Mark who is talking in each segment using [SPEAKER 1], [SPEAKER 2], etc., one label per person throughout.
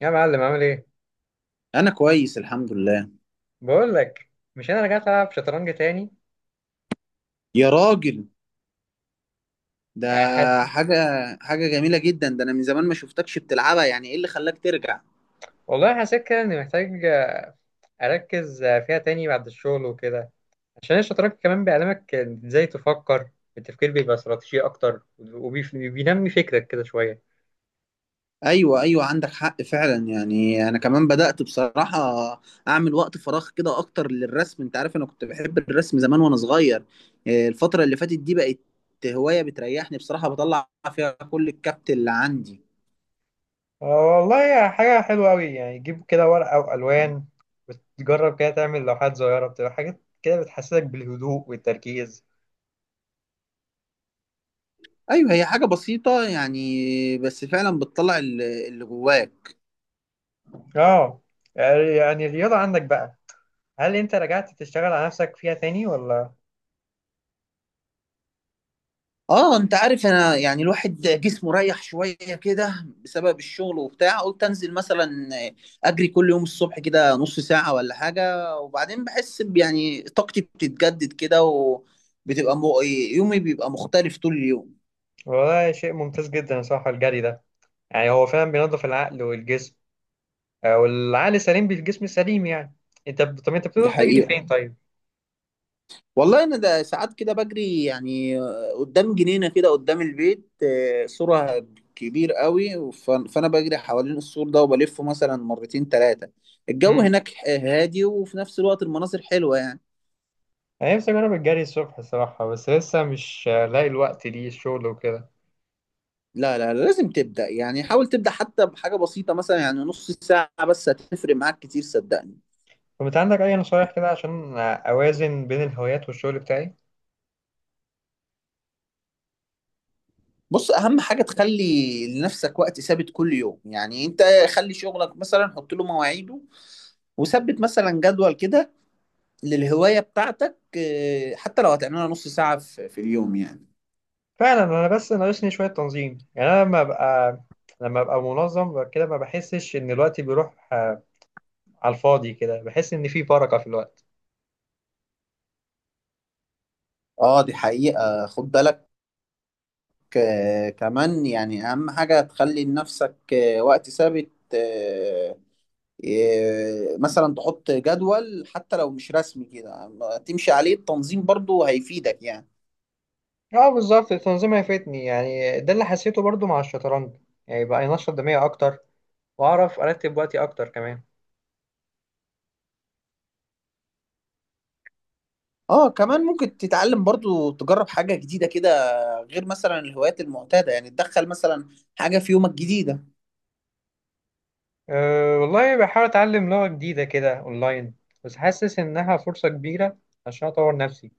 [SPEAKER 1] يا معلم عامل ايه؟
[SPEAKER 2] انا كويس الحمد لله.
[SPEAKER 1] بقول لك، مش انا رجعت العب شطرنج تاني؟
[SPEAKER 2] يا راجل، ده
[SPEAKER 1] آه، حاسس.
[SPEAKER 2] حاجه حاجه جميله جدا. ده انا من زمان ما شفتكش بتلعبها، يعني ايه اللي خلاك ترجع؟
[SPEAKER 1] والله حسيت كده اني محتاج اركز فيها تاني بعد الشغل وكده. عشان الشطرنج كمان بيعلمك ازاي تفكر. التفكير بيبقى استراتيجي اكتر وبينمي فكرك كده شوية.
[SPEAKER 2] ايوه، عندك حق فعلا. يعني انا كمان بدات بصراحه اعمل وقت فراغ كده اكتر للرسم. انت عارف انا كنت بحب الرسم زمان وانا صغير. الفتره اللي فاتت دي بقت هوايه بتريحني بصراحه، بطلع فيها كل الكبت اللي عندي.
[SPEAKER 1] آه والله، يا حاجة حلوة أوي. يعني تجيب كده ورقة وألوان وتجرب كده تعمل لوحات صغيرة، بتبقى حاجات كده بتحسسك بالهدوء والتركيز.
[SPEAKER 2] ايوه، هي حاجه بسيطه يعني، بس فعلا بتطلع اللي جواك.
[SPEAKER 1] آه. يعني الرياضة عندك بقى، هل أنت رجعت تشتغل على نفسك فيها تاني ولا؟
[SPEAKER 2] اه، انت عارف انا يعني الواحد جسمه رايح شويه كده بسبب الشغل وبتاع. قلت انزل مثلا اجري كل يوم الصبح كده نص ساعه ولا حاجه، وبعدين بحس يعني طاقتي بتتجدد كده وبتبقى يومي بيبقى مختلف طول اليوم.
[SPEAKER 1] وده شيء ممتاز جدا صراحة الجري ده، يعني هو فعلا بينظف العقل والجسم. آه، والعقل سليم بالجسم سليم يعني. طب انت
[SPEAKER 2] دي
[SPEAKER 1] بتقدر تجري
[SPEAKER 2] حقيقه.
[SPEAKER 1] فين طيب؟
[SPEAKER 2] والله انا ده ساعات كده بجري يعني، قدام جنينه كده قدام البيت. سورها كبير قوي، فانا بجري حوالين السور ده وبلفه مثلا مرتين ثلاثه. الجو
[SPEAKER 1] مم.
[SPEAKER 2] هناك هادي، وفي نفس الوقت المناظر حلوه يعني.
[SPEAKER 1] انا نفسي اجرب الجري الصبح الصراحة، بس لسه مش لاقي الوقت ليه، الشغل وكده.
[SPEAKER 2] لا لا لا، لازم تبدا. يعني حاول تبدا حتى بحاجه بسيطه، مثلا يعني نص ساعه بس، هتفرق معاك كتير صدقني.
[SPEAKER 1] طب انت عندك اي نصايح كده عشان اوازن بين الهوايات والشغل بتاعي؟
[SPEAKER 2] بص، اهم حاجه تخلي لنفسك وقت ثابت كل يوم. يعني انت خلي شغلك مثلا، حط له مواعيده وثبت مثلا جدول كده للهواية بتاعتك. حتى لو هتعملها نص ساعة في اليوم يعني.
[SPEAKER 1] فعلا، انا بس ناقصني شوية تنظيم. يعني انا لما ابقى منظم كده، ما بحسش ان الوقت بيروح على الفاضي كده، بحس ان في بركة في الوقت.
[SPEAKER 2] اه دي حقيقة، خد بالك. كمان يعني أهم حاجة تخلي لنفسك وقت ثابت. مثلا تحط جدول حتى لو مش رسمي كده تمشي عليه، التنظيم برضو هيفيدك يعني.
[SPEAKER 1] اه بالظبط، التنظيم هيفيدني. يعني ده اللي حسيته برضو مع الشطرنج، يعني بقى ينشط دماغي اكتر، واعرف ارتب وقتي اكتر كمان.
[SPEAKER 2] اه كمان ممكن تتعلم برضو، تجرب حاجة جديدة كده غير مثلا الهوايات المعتادة. يعني تدخل مثلا حاجة في يومك جديدة.
[SPEAKER 1] أه والله، بحاول اتعلم لغة جديدة كده اونلاين، بس حاسس انها فرصة كبيرة عشان اطور نفسي.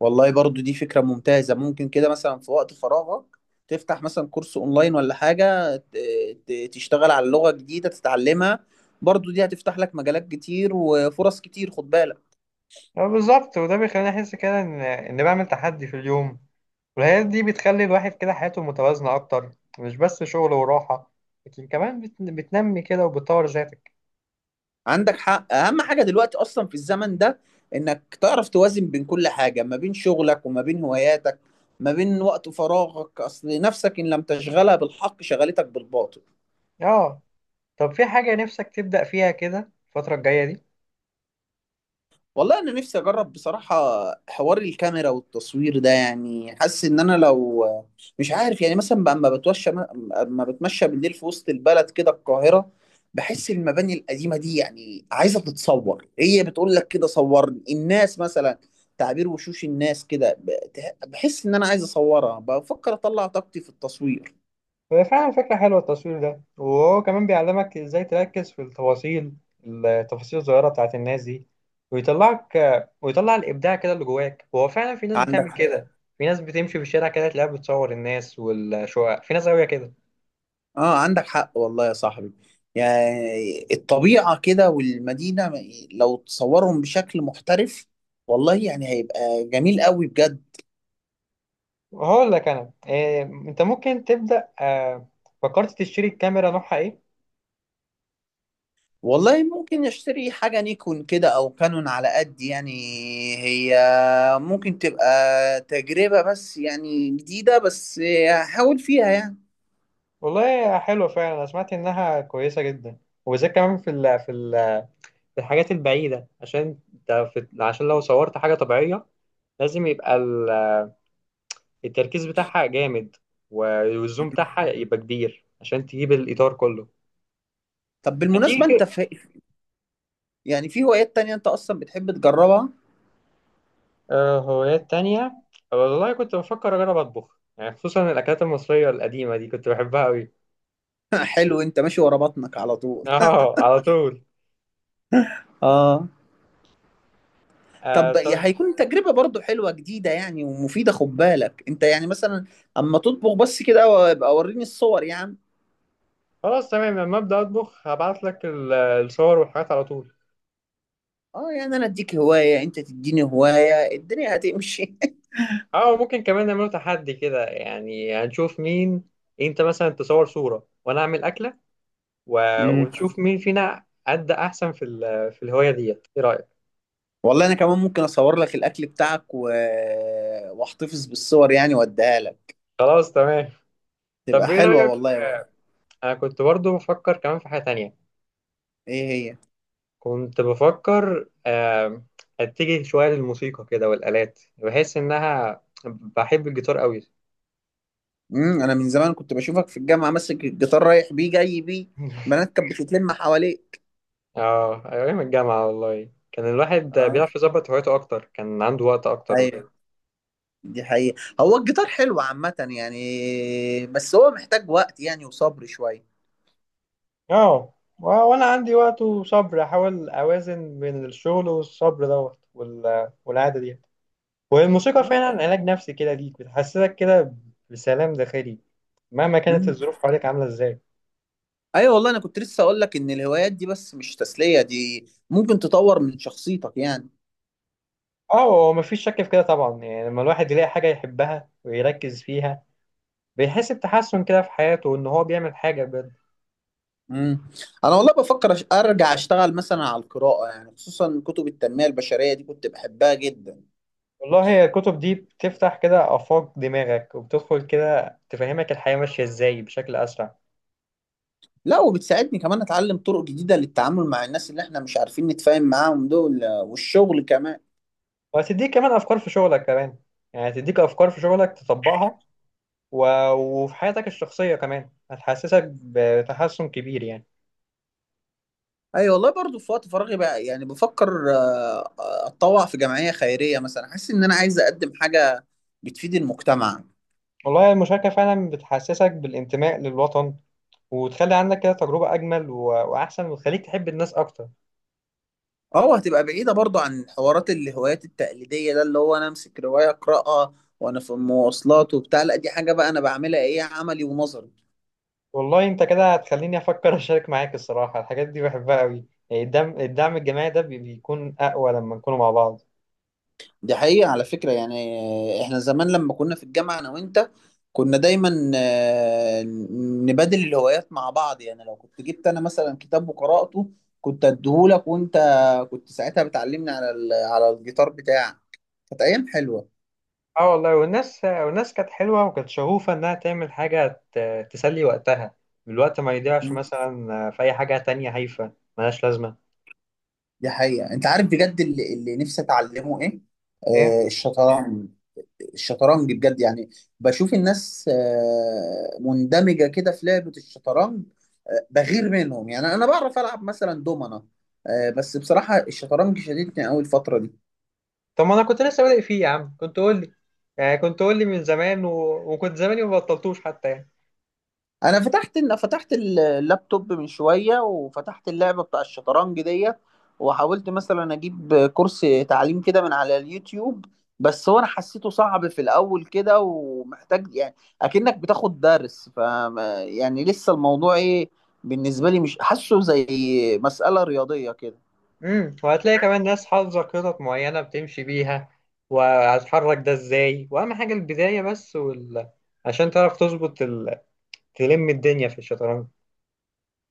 [SPEAKER 2] والله برضو دي فكرة ممتازة. ممكن كده مثلا في وقت فراغك تفتح مثلا كورس اونلاين ولا حاجة، تشتغل على لغة جديدة تتعلمها. برضو دي هتفتح لك مجالات كتير وفرص كتير، خد بالك.
[SPEAKER 1] اه بالظبط، وده بيخليني احس كده ان بعمل تحدي في اليوم. والهوايات دي بتخلي الواحد كده حياته متوازنة اكتر، مش بس شغل وراحة، لكن كمان بتنمي كده وبتطور ذاتك.
[SPEAKER 2] عندك حق، اهم حاجة دلوقتي اصلا في الزمن ده انك تعرف توازن بين كل حاجة، ما بين شغلك وما بين هواياتك ما بين وقت فراغك. اصل نفسك ان لم تشغلها بالحق شغلتك بالباطل.
[SPEAKER 1] اه طب، في حاجة نفسك تبدأ فيها كده الفترة الجاية دي؟
[SPEAKER 2] والله انا نفسي اجرب بصراحه حوار الكاميرا والتصوير ده. يعني حاسس ان انا لو، مش عارف يعني مثلا، بقى اما بتوشى اما بتمشى بالليل في وسط البلد كده، القاهره، بحس المباني القديمه دي يعني عايزه تتصور، هي بتقول لك كده صورني. الناس مثلا تعبير وشوش الناس كده، بحس ان انا عايز اصورها، بفكر اطلع طاقتي في التصوير.
[SPEAKER 1] هي فعلا فكرة حلوة التصوير ده، وهو كمان بيعلمك ازاي تركز في التفاصيل، التفاصيل الصغيرة بتاعت الناس دي. ويطلعك ويطلع الإبداع كده اللي جواك. هو فعلا في ناس بتعمل
[SPEAKER 2] عندك،
[SPEAKER 1] كده، في ناس بتمشي في الشارع كده تلاقيها بتصور الناس والشقق، في ناس قوية كده.
[SPEAKER 2] اه عندك حق والله يا صاحبي. يعني الطبيعة كده والمدينة لو تصورهم بشكل محترف، والله يعني هيبقى جميل قوي بجد.
[SPEAKER 1] هقول لك أنا إيه، أنت ممكن تبدأ فكرت تشتري الكاميرا، نوعها إيه؟
[SPEAKER 2] والله ممكن اشتري حاجة نيكون كده او كانون على قد يعني. هي ممكن تبقى تجربة بس يعني جديدة، بس هحاول فيها يعني.
[SPEAKER 1] والله حلوة فعلا، أنا سمعت إنها كويسة جدا، وبالذات كمان في ال في ال في الحاجات البعيدة، عشان انت عشان لو صورت حاجة طبيعية، لازم يبقى التركيز بتاعها جامد، والزوم بتاعها يبقى كبير عشان تجيب الإطار كله.
[SPEAKER 2] طب
[SPEAKER 1] هتيجي
[SPEAKER 2] بالمناسبة انت
[SPEAKER 1] كده.
[SPEAKER 2] في، يعني في هوايات تانية انت اصلا بتحب تجربها؟
[SPEAKER 1] آه، هوايات تانية، والله كنت بفكر أجرب أطبخ، يعني خصوصا الأكلات المصرية القديمة دي كنت بحبها أوي.
[SPEAKER 2] حلو، انت ماشي ورا بطنك على طول.
[SPEAKER 1] أه على طول.
[SPEAKER 2] اه.
[SPEAKER 1] آه
[SPEAKER 2] طب
[SPEAKER 1] طب،
[SPEAKER 2] هيكون تجربة برضو حلوة جديدة يعني ومفيدة، خد بالك. انت يعني مثلا اما تطبخ بس كده، وابقى وريني الصور يا عم.
[SPEAKER 1] خلاص تمام، لما أبدأ أطبخ هبعت لك الصور والحاجات على طول.
[SPEAKER 2] اه يعني انا اديك هواية انت تديني هواية، الدنيا هتمشي.
[SPEAKER 1] أه ممكن كمان نعمله تحدي كده، يعني هنشوف مين، أنت مثلا تصور صورة وأنا أعمل أكلة و...
[SPEAKER 2] امم.
[SPEAKER 1] ونشوف مين فينا أدى أحسن في في الهواية ديت، إيه رأيك؟
[SPEAKER 2] والله انا كمان ممكن اصور لك الاكل بتاعك و... واحتفظ بالصور يعني واديها لك.
[SPEAKER 1] خلاص تمام.
[SPEAKER 2] تبقى
[SPEAKER 1] طب إيه
[SPEAKER 2] حلوة
[SPEAKER 1] رأيك؟
[SPEAKER 2] والله برضو.
[SPEAKER 1] أنا كنت برضو بفكر كمان في حاجة تانية،
[SPEAKER 2] ايه هي؟
[SPEAKER 1] كنت بفكر أتجه شوية للموسيقى كده والآلات، بحس إنها بحب الجيتار قوي.
[SPEAKER 2] امم، انا من زمان كنت بشوفك في الجامعة ماسك الجيتار، رايح بيه جاي بيه، بنات كانت بتتلم حواليك.
[SPEAKER 1] اه، أيام الجامعة والله كان الواحد
[SPEAKER 2] اه،
[SPEAKER 1] بيعرف يظبط هوايته أكتر، كان عنده وقت أكتر وكده.
[SPEAKER 2] ايوه. دي حقيقة، هو الجيتار حلو عامة يعني، بس هو محتاج وقت يعني وصبر شوية.
[SPEAKER 1] اه، وانا عندي وقت وصبر، احاول اوازن بين الشغل والصبر دوت والعادة دي. والموسيقى
[SPEAKER 2] آه.
[SPEAKER 1] فعلا علاج نفسي كده ليك، بتحسسك كده بسلام داخلي مهما كانت
[SPEAKER 2] مم.
[SPEAKER 1] الظروف حواليك عاملة ازاي.
[SPEAKER 2] ايوه والله، انا كنت لسه اقول لك ان الهوايات دي بس مش تسلية، دي ممكن تطور من شخصيتك يعني.
[SPEAKER 1] اه، هو مفيش شك في كده طبعا. يعني لما الواحد يلاقي حاجة يحبها ويركز فيها، بيحس بتحسن كده في حياته، وان هو بيعمل حاجة بجد.
[SPEAKER 2] مم. انا والله بفكر ارجع اشتغل مثلا على القراءة، يعني خصوصا كتب التنمية البشرية دي كنت بحبها جدا.
[SPEAKER 1] والله هي الكتب دي بتفتح كده آفاق دماغك، وبتدخل كده تفهمك الحياة ماشية ازاي بشكل أسرع.
[SPEAKER 2] لا، وبتساعدني كمان اتعلم طرق جديدة للتعامل مع الناس اللي احنا مش عارفين نتفاهم معاهم دول، والشغل كمان.
[SPEAKER 1] وهتديك كمان أفكار في شغلك كمان، يعني هتديك أفكار في شغلك تطبقها و... وفي حياتك الشخصية كمان هتحسسك بتحسن كبير يعني.
[SPEAKER 2] اي والله، برضو في وقت فراغي بقى يعني بفكر اتطوع في جمعية خيرية مثلا. حاسس ان انا عايز اقدم حاجة بتفيد المجتمع.
[SPEAKER 1] والله المشاركة فعلا بتحسسك بالانتماء للوطن، وتخلي عندك كده تجربة أجمل وأحسن، وتخليك تحب الناس أكتر.
[SPEAKER 2] اه، هتبقى بعيدة برضو عن حوارات الهوايات التقليدية ده، اللي هو انا امسك رواية اقراها وانا في المواصلات وبتاع. لا دي حاجة بقى انا بعملها، ايه؟ عملي ونظري.
[SPEAKER 1] والله أنت كده هتخليني أفكر أشارك معاك الصراحة، الحاجات دي بحبها أوي. يعني الدعم الجماعي ده بيكون أقوى لما نكونوا مع بعض.
[SPEAKER 2] دي حقيقة. على فكرة يعني، احنا زمان لما كنا في الجامعة انا وانت كنا دايما نبادل الهوايات مع بعض. يعني لو كنت جبت انا مثلا كتاب وقرأته كنت اديهولك، وانت كنت ساعتها بتعلمني على على الجيتار بتاعك. كانت ايام حلوة.
[SPEAKER 1] اه والله، والناس كانت حلوة، وكانت شغوفة إنها تعمل حاجة تسلي وقتها، الوقت ما يضيعش
[SPEAKER 2] مم.
[SPEAKER 1] مثلا في أي حاجة تانية هايفة ملهاش لازمة.
[SPEAKER 2] دي حقيقة. انت عارف بجد اللي نفسي اتعلمه ايه؟
[SPEAKER 1] إيه؟
[SPEAKER 2] آه، الشطرنج. الشطرنج بجد يعني. بشوف الناس مندمجة كده في لعبة الشطرنج، بغير منهم. يعني أنا بعرف ألعب مثلا دومنة، بس بصراحة الشطرنج شديدني أوي الفترة دي.
[SPEAKER 1] طب ما أنا كنت لسه بادئ فيه يا عم، كنت قول لي، يعني كنت قول لي من زمان و... وكنت زماني ما بطلتوش حتى يعني.
[SPEAKER 2] انا فتحت اللابتوب من شويه وفتحت اللعبه بتاع الشطرنج ديت، وحاولت مثلا اجيب كورس تعليم كده من على اليوتيوب، بس هو انا حسيته صعب في الاول كده، ومحتاج يعني اكنك بتاخد درس. ف يعني لسه الموضوع ايه بالنسبه لي، مش حاسه زي مساله رياضيه كده.
[SPEAKER 1] امم، وهتلاقي كمان ناس حافظة خطط معينة بتمشي بيها، وهتحرك ده ازاي، واهم حاجة البداية بس عشان تعرف تظبط تلم الدنيا في الشطرنج.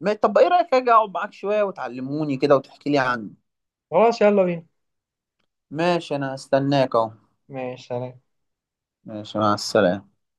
[SPEAKER 2] طب ايه رايك اجي اقعد معاك شويه وتعلموني كده وتحكي لي عنه؟
[SPEAKER 1] خلاص يلا بينا.
[SPEAKER 2] ماشي، انا هستناك اهو.
[SPEAKER 1] ماشي سلام.
[SPEAKER 2] ماشي مع السلامه.